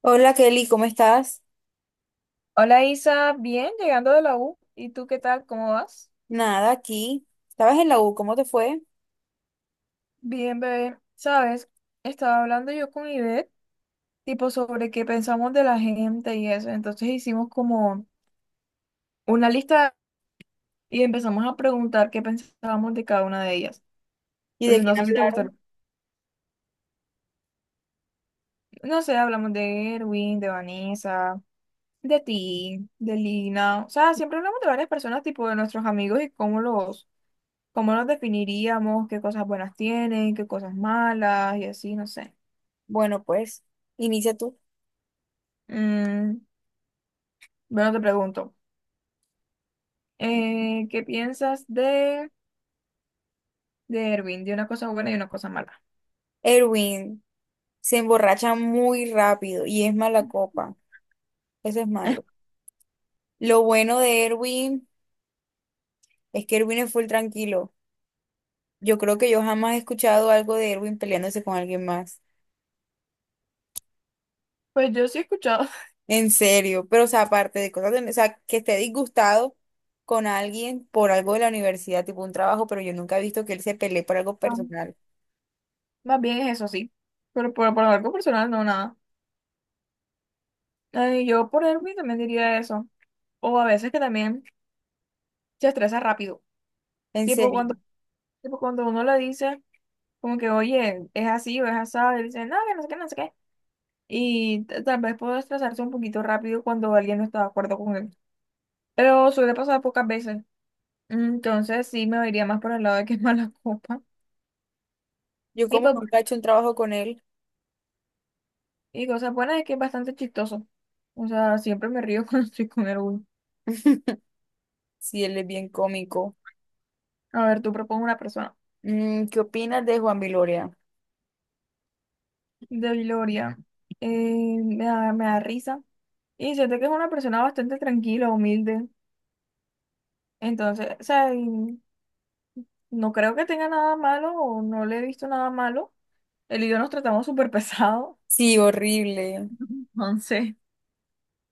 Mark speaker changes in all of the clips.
Speaker 1: Hola Kelly, ¿cómo estás?
Speaker 2: Hola Isa, bien, llegando de la U. ¿Y tú qué tal? ¿Cómo vas?
Speaker 1: Nada, aquí. ¿Estabas en la U? ¿Cómo te fue?
Speaker 2: Bien, bebé. Sabes, estaba hablando yo con Ivette, tipo sobre qué pensamos de la gente y eso. Entonces hicimos como una lista y empezamos a preguntar qué pensábamos de cada una de ellas.
Speaker 1: ¿Y de
Speaker 2: Entonces
Speaker 1: quién
Speaker 2: no sé si te
Speaker 1: hablaron?
Speaker 2: gustaron. No sé, hablamos de Erwin, de Vanessa, de ti, de Lina. O sea, siempre hablamos de varias personas, tipo de nuestros amigos y cómo los definiríamos, qué cosas buenas tienen, qué cosas malas y así, no sé.
Speaker 1: Bueno, pues, inicia tú.
Speaker 2: Mm, bueno, te pregunto, ¿qué piensas de Erwin? De una cosa buena y una cosa mala.
Speaker 1: Erwin se emborracha muy rápido y es mala copa. Eso es malo. Lo bueno de Erwin es que Erwin es full tranquilo. Yo creo que yo jamás he escuchado algo de Erwin peleándose con alguien más.
Speaker 2: Pues yo sí he escuchado.
Speaker 1: En serio. Pero, o sea, aparte de cosas, o sea, que esté disgustado con alguien por algo de la universidad, tipo un trabajo, pero yo nunca he visto que él se pelee por algo
Speaker 2: Ah,
Speaker 1: personal.
Speaker 2: más bien es eso sí, pero por algo personal no nada. Ay, yo por Erwin también diría eso, o a veces que también se estresa rápido,
Speaker 1: En
Speaker 2: tipo
Speaker 1: serio.
Speaker 2: cuando, tipo cuando uno le dice como que, oye, es así o es asado, y dice, no, que no sé qué, no sé qué, y tal vez puedo estresarse un poquito rápido cuando alguien no está de acuerdo con él, pero suele pasar pocas veces. Entonces sí me iría más por el lado de que es mala copa.
Speaker 1: Yo
Speaker 2: Y,
Speaker 1: como
Speaker 2: pues,
Speaker 1: nunca he hecho un trabajo con él,
Speaker 2: y cosa buena es que es bastante chistoso. O sea, siempre me río cuando estoy con el Will.
Speaker 1: si él es bien cómico.
Speaker 2: A ver, tú propones una persona
Speaker 1: ¿Qué opinas de Juan Viloria?
Speaker 2: de Gloria. Me da risa. Y siento que es una persona bastante tranquila, humilde. Entonces, o sea, y no creo que tenga nada malo o no le he visto nada malo. Él y yo nos tratamos súper pesado.
Speaker 1: Sí, horrible.
Speaker 2: Entonces,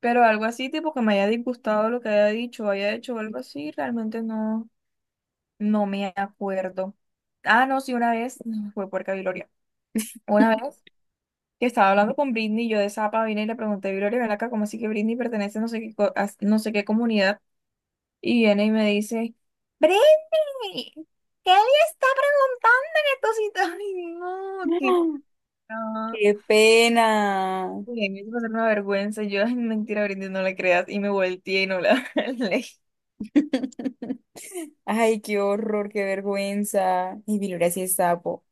Speaker 2: pero algo así, tipo que me haya disgustado lo que haya dicho o haya hecho o algo así, realmente no. No me acuerdo. Ah, no, sí, una vez, no, fue puerca Viloria. Una vez que estaba hablando con Britney, yo de Zapa vine y le pregunté, Viloria, ven acá, ¿cómo así que Britney pertenece a no sé qué, a no sé qué comunidad? Y viene y me dice, Britney, ¿qué le está preguntando en estos sitios? Ay, no, qué pena.
Speaker 1: Qué pena.
Speaker 2: Uy, me hizo pasar una vergüenza. Yo, ay, mentira, Britney, no la creas. Y me volteé y no la leí.
Speaker 1: Ay, qué horror, qué vergüenza. Y Viloria sí es sapo.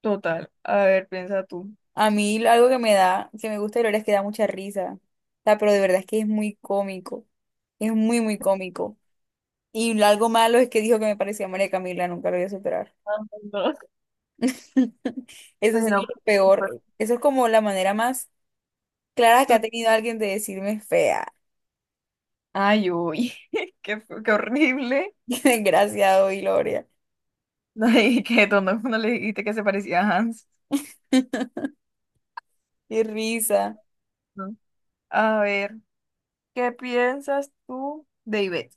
Speaker 2: Total. A ver, piensa tú.
Speaker 1: A mí algo que me da, que me gusta de Viloria es que da mucha risa. O sea, pero de verdad es que es muy cómico. Es muy, muy cómico. Y algo malo es que dijo que me parecía a María Camila, nunca lo voy a superar.
Speaker 2: Ah, no.
Speaker 1: Eso
Speaker 2: Oye,
Speaker 1: sí es lo peor. Eso es como la manera más clara que
Speaker 2: no.
Speaker 1: ha tenido alguien de decirme fea.
Speaker 2: Ay, uy, qué, qué horrible.
Speaker 1: Qué desgraciado, Gloria.
Speaker 2: No le dije, que no, no le dijiste que se parecía a Hans.
Speaker 1: Qué risa.
Speaker 2: ¿No? A ver, ¿qué piensas tú de Ivette?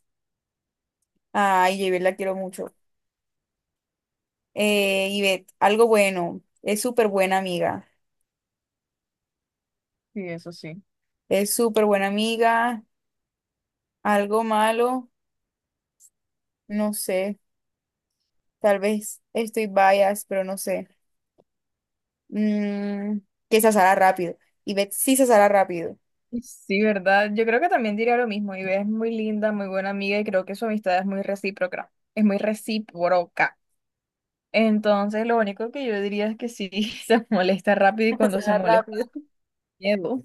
Speaker 1: Ay, Yvette, la quiero mucho. Yvette, algo bueno. Es súper buena amiga.
Speaker 2: Sí, eso sí.
Speaker 1: Es súper buena amiga. Algo malo, no sé. Tal vez estoy bias, pero no sé. Mm, que se asara rápido. Yvette sí se asara rápido.
Speaker 2: Sí, ¿verdad? Yo creo que también diría lo mismo. Ivette es muy linda, muy buena amiga y creo que su amistad es muy recíproca. Es muy recíproca. Entonces, lo único que yo diría es que sí, se molesta rápido y
Speaker 1: Se
Speaker 2: cuando se
Speaker 1: asara
Speaker 2: molesta,
Speaker 1: rápido.
Speaker 2: miedo.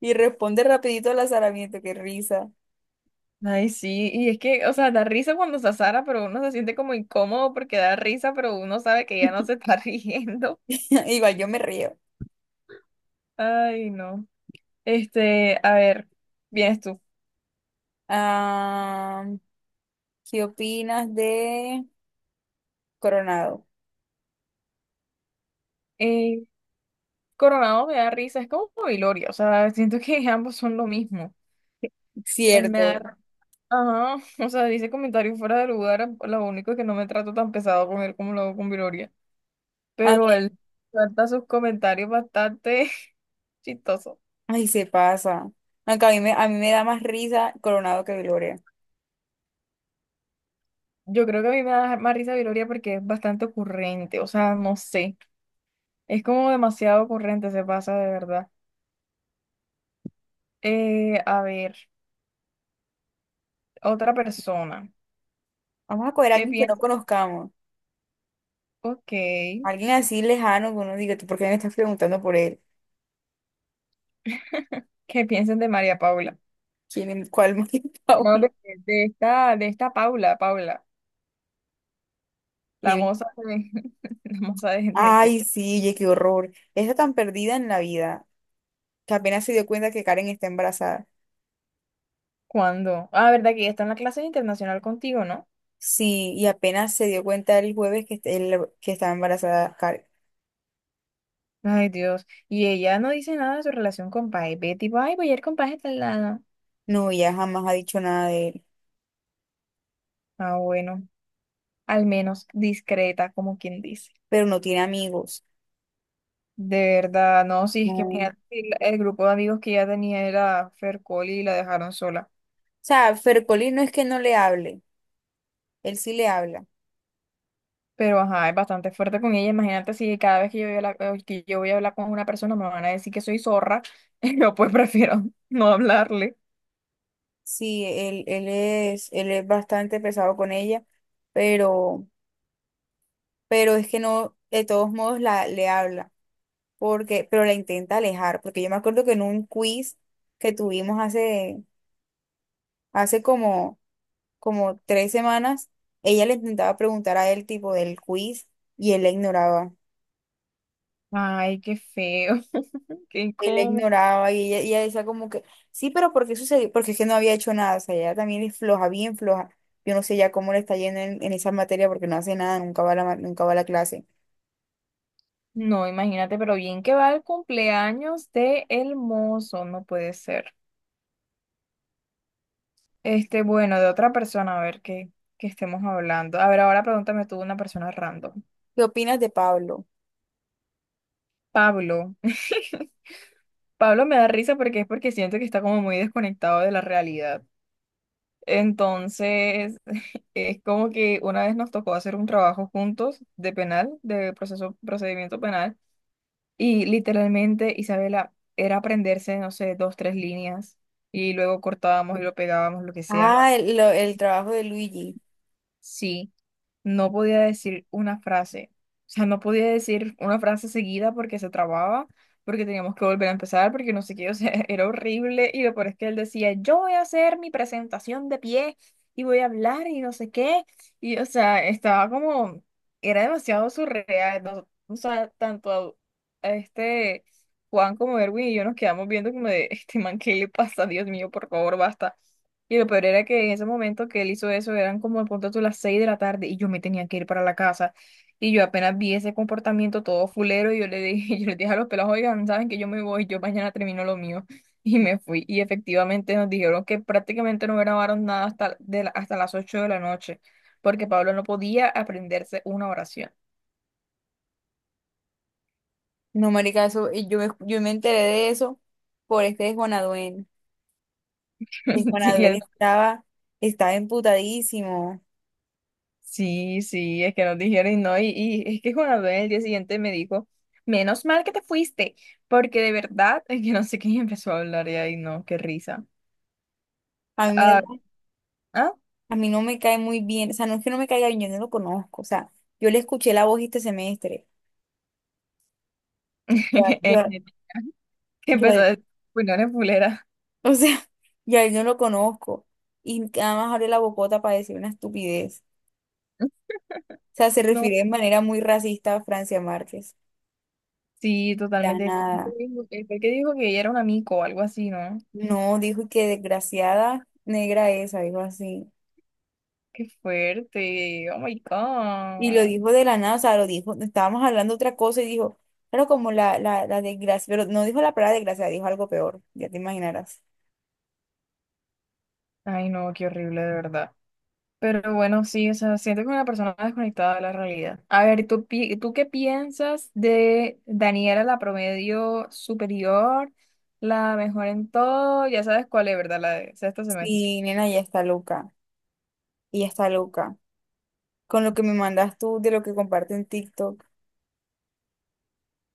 Speaker 1: Y responde rapidito al azaramiento. Qué risa.
Speaker 2: Ay, sí, y es que, o sea, da risa cuando se azara, pero uno se siente como incómodo porque da risa, pero uno sabe que ya no se está riendo.
Speaker 1: Igual yo me río.
Speaker 2: Ay, no. Este, a ver, vienes tú.
Speaker 1: Ah, ¿qué opinas de Coronado?
Speaker 2: Eh, Coronado me da risa, es como Hilorio, o sea, siento que ambos son lo mismo. Él me
Speaker 1: Cierto.
Speaker 2: da, ajá, o sea, dice comentarios fuera de lugar, lo único es que no me trato tan pesado con él como lo hago con Viloria,
Speaker 1: A
Speaker 2: pero
Speaker 1: ver,
Speaker 2: él suelta sus comentarios bastante chistosos.
Speaker 1: ay, se pasa. Aunque a mí me da más risa Coronado que Gloria.
Speaker 2: Yo creo que a mí me da más risa Viloria porque es bastante ocurrente, o sea, no sé, es como demasiado ocurrente, se pasa de verdad. A ver, otra persona,
Speaker 1: Vamos a coger a
Speaker 2: ¿qué
Speaker 1: alguien que no
Speaker 2: piensan?
Speaker 1: conozcamos.
Speaker 2: Ok, ¿qué
Speaker 1: Alguien así lejano que uno diga, ¿tú por qué me estás preguntando por él?
Speaker 2: piensan de María Paula?
Speaker 1: ¿Quién, cuál más que
Speaker 2: O no,
Speaker 1: Paula?
Speaker 2: de esta Paula, la
Speaker 1: ¿Quién es?
Speaker 2: moza la moza de.
Speaker 1: Ay, sí, oye, qué horror. Está tan perdida en la vida que apenas se dio cuenta que Karen está embarazada.
Speaker 2: ¿Cuándo? Ah, verdad que ella está en la clase internacional contigo, ¿no?
Speaker 1: Sí, y apenas se dio cuenta el jueves que, que estaba embarazada.
Speaker 2: Ay, Dios, y ella no dice nada de su relación con Pai, Betty, ay, voy a ir con Pai hasta el lado.
Speaker 1: No, ella jamás ha dicho nada de él,
Speaker 2: Ah, bueno. Al menos discreta, como quien dice.
Speaker 1: pero no tiene amigos.
Speaker 2: De verdad, no, sí,
Speaker 1: No.
Speaker 2: es que mira,
Speaker 1: O
Speaker 2: el grupo de amigos que ella tenía era Fercoli y la dejaron sola.
Speaker 1: sea, Fercolín no es que no le hable, él sí le habla.
Speaker 2: Pero ajá, es bastante fuerte con ella. Imagínate si cada vez que yo voy a hablar, que yo voy a hablar con una persona me van a decir que soy zorra. Yo pues prefiero no hablarle.
Speaker 1: Sí, él es, él es bastante pesado con ella, pero, pero es que no, de todos modos le habla, porque, pero la intenta alejar, porque yo me acuerdo que en un quiz que tuvimos hace, hace como, como tres semanas, ella le intentaba preguntar a él tipo del quiz y él la ignoraba.
Speaker 2: Ay, qué feo, qué
Speaker 1: Y la
Speaker 2: incómodo.
Speaker 1: ignoraba y ella decía como que, sí, pero ¿por qué sucedió? Porque es que no había hecho nada, o sea, ella también es floja, bien floja. Yo no sé ya cómo le está yendo en esa materia porque no hace nada, nunca va a nunca va a la clase.
Speaker 2: No, imagínate, pero bien que va el cumpleaños de El Mozo, no puede ser. Este, bueno, de otra persona, a ver qué estemos hablando. A ver, ahora pregúntame tú una persona random.
Speaker 1: ¿Qué opinas de Pablo?
Speaker 2: Pablo. Pablo me da risa porque siento que está como muy desconectado de la realidad. Entonces, es como que una vez nos tocó hacer un trabajo juntos de penal, de procedimiento penal, y literalmente Isabela era aprenderse, no sé, dos, tres líneas, y luego cortábamos y lo pegábamos, lo que sea.
Speaker 1: Ah, el trabajo de Luigi.
Speaker 2: Sí. No podía decir una frase. O sea, no podía decir una frase seguida porque se trababa, porque teníamos que volver a empezar, porque no sé qué, o sea, era horrible. Y lo peor es que él decía, yo voy a hacer mi presentación de pie y voy a hablar y no sé qué. Y, o sea, estaba como, era demasiado surreal. O sea, tanto a este Juan como Erwin y yo nos quedamos viendo como de, este man, ¿qué le pasa? Dios mío, por favor, basta. Y lo peor era que en ese momento que él hizo eso eran como de pronto a las 6 de la tarde y yo me tenía que ir para la casa. Y yo apenas vi ese comportamiento todo fulero y yo le dije, yo les dije a los pelados, oigan, saben que yo me voy, yo mañana termino lo mío. Y me fui. Y efectivamente nos dijeron que prácticamente no grabaron nada hasta las 8 de la noche, porque Pablo no podía aprenderse una oración.
Speaker 1: No, marica, eso, y yo, yo me enteré de eso por este de Juan Aduén. Y Juan
Speaker 2: Sí, y
Speaker 1: Aduén
Speaker 2: él
Speaker 1: estaba, estaba emputadísimo.
Speaker 2: Sí, sí, es que nos dijeron y no, y es que Juan Abel el día siguiente me dijo, menos mal que te fuiste, porque de verdad, es que no sé quién empezó a hablar y ahí no, qué risa.
Speaker 1: A mí,
Speaker 2: Ah, ah,
Speaker 1: a mí no me cae muy bien, o sea, no es que no me caiga bien, yo no lo conozco, o sea, yo le escuché la voz este semestre. O sea,
Speaker 2: que
Speaker 1: Yo,
Speaker 2: empezó a decir, pues no eres fulera.
Speaker 1: o sea, y a él no lo conozco. Y nada más abre la bocota para decir una estupidez. O sea, se
Speaker 2: No,
Speaker 1: refiere de manera muy racista a Francia Márquez.
Speaker 2: sí,
Speaker 1: La
Speaker 2: totalmente. Fue
Speaker 1: nada.
Speaker 2: el que dijo que ella era un amigo o algo así, ¿no?
Speaker 1: No, dijo que desgraciada negra esa, dijo así.
Speaker 2: Qué fuerte, oh my
Speaker 1: Y lo
Speaker 2: God.
Speaker 1: dijo de la nada, o sea, lo dijo, estábamos hablando otra cosa y dijo, claro, como la desgracia, pero no dijo la palabra desgracia, dijo algo peor, ya te imaginarás.
Speaker 2: Ay, no, qué horrible, de verdad. Pero bueno, sí, o sea, siento que una persona desconectada de la realidad. A ver, ¿tú, tú qué piensas de Daniela, la promedio superior, la mejor en todo? Ya sabes cuál es, ¿verdad? La de sexto semestre.
Speaker 1: Sí, nena, ya está loca, ya está loca. Con lo que me mandas tú de lo que comparte en TikTok,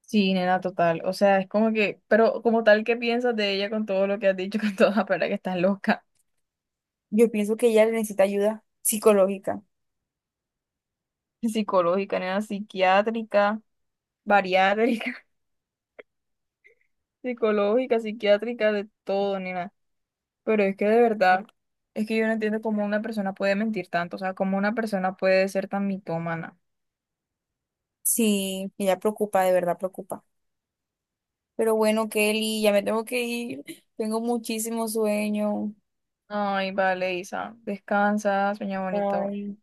Speaker 2: Sí, nena, total. O sea, es como que, pero como tal, ¿qué piensas de ella con todo lo que has dicho, con toda la palabra que estás loca?
Speaker 1: yo pienso que ella necesita ayuda psicológica.
Speaker 2: Psicológica, nena, psiquiátrica, bariátrica, psicológica, psiquiátrica, de todo, nena. Pero es que de verdad, es que yo no entiendo cómo una persona puede mentir tanto, o sea, cómo una persona puede ser tan mitómana.
Speaker 1: Sí, ella preocupa, de verdad preocupa. Pero bueno, Kelly, ya me tengo que ir. Tengo muchísimo sueño.
Speaker 2: Ay, vale, Isa, descansa, sueña bonito.
Speaker 1: Bye.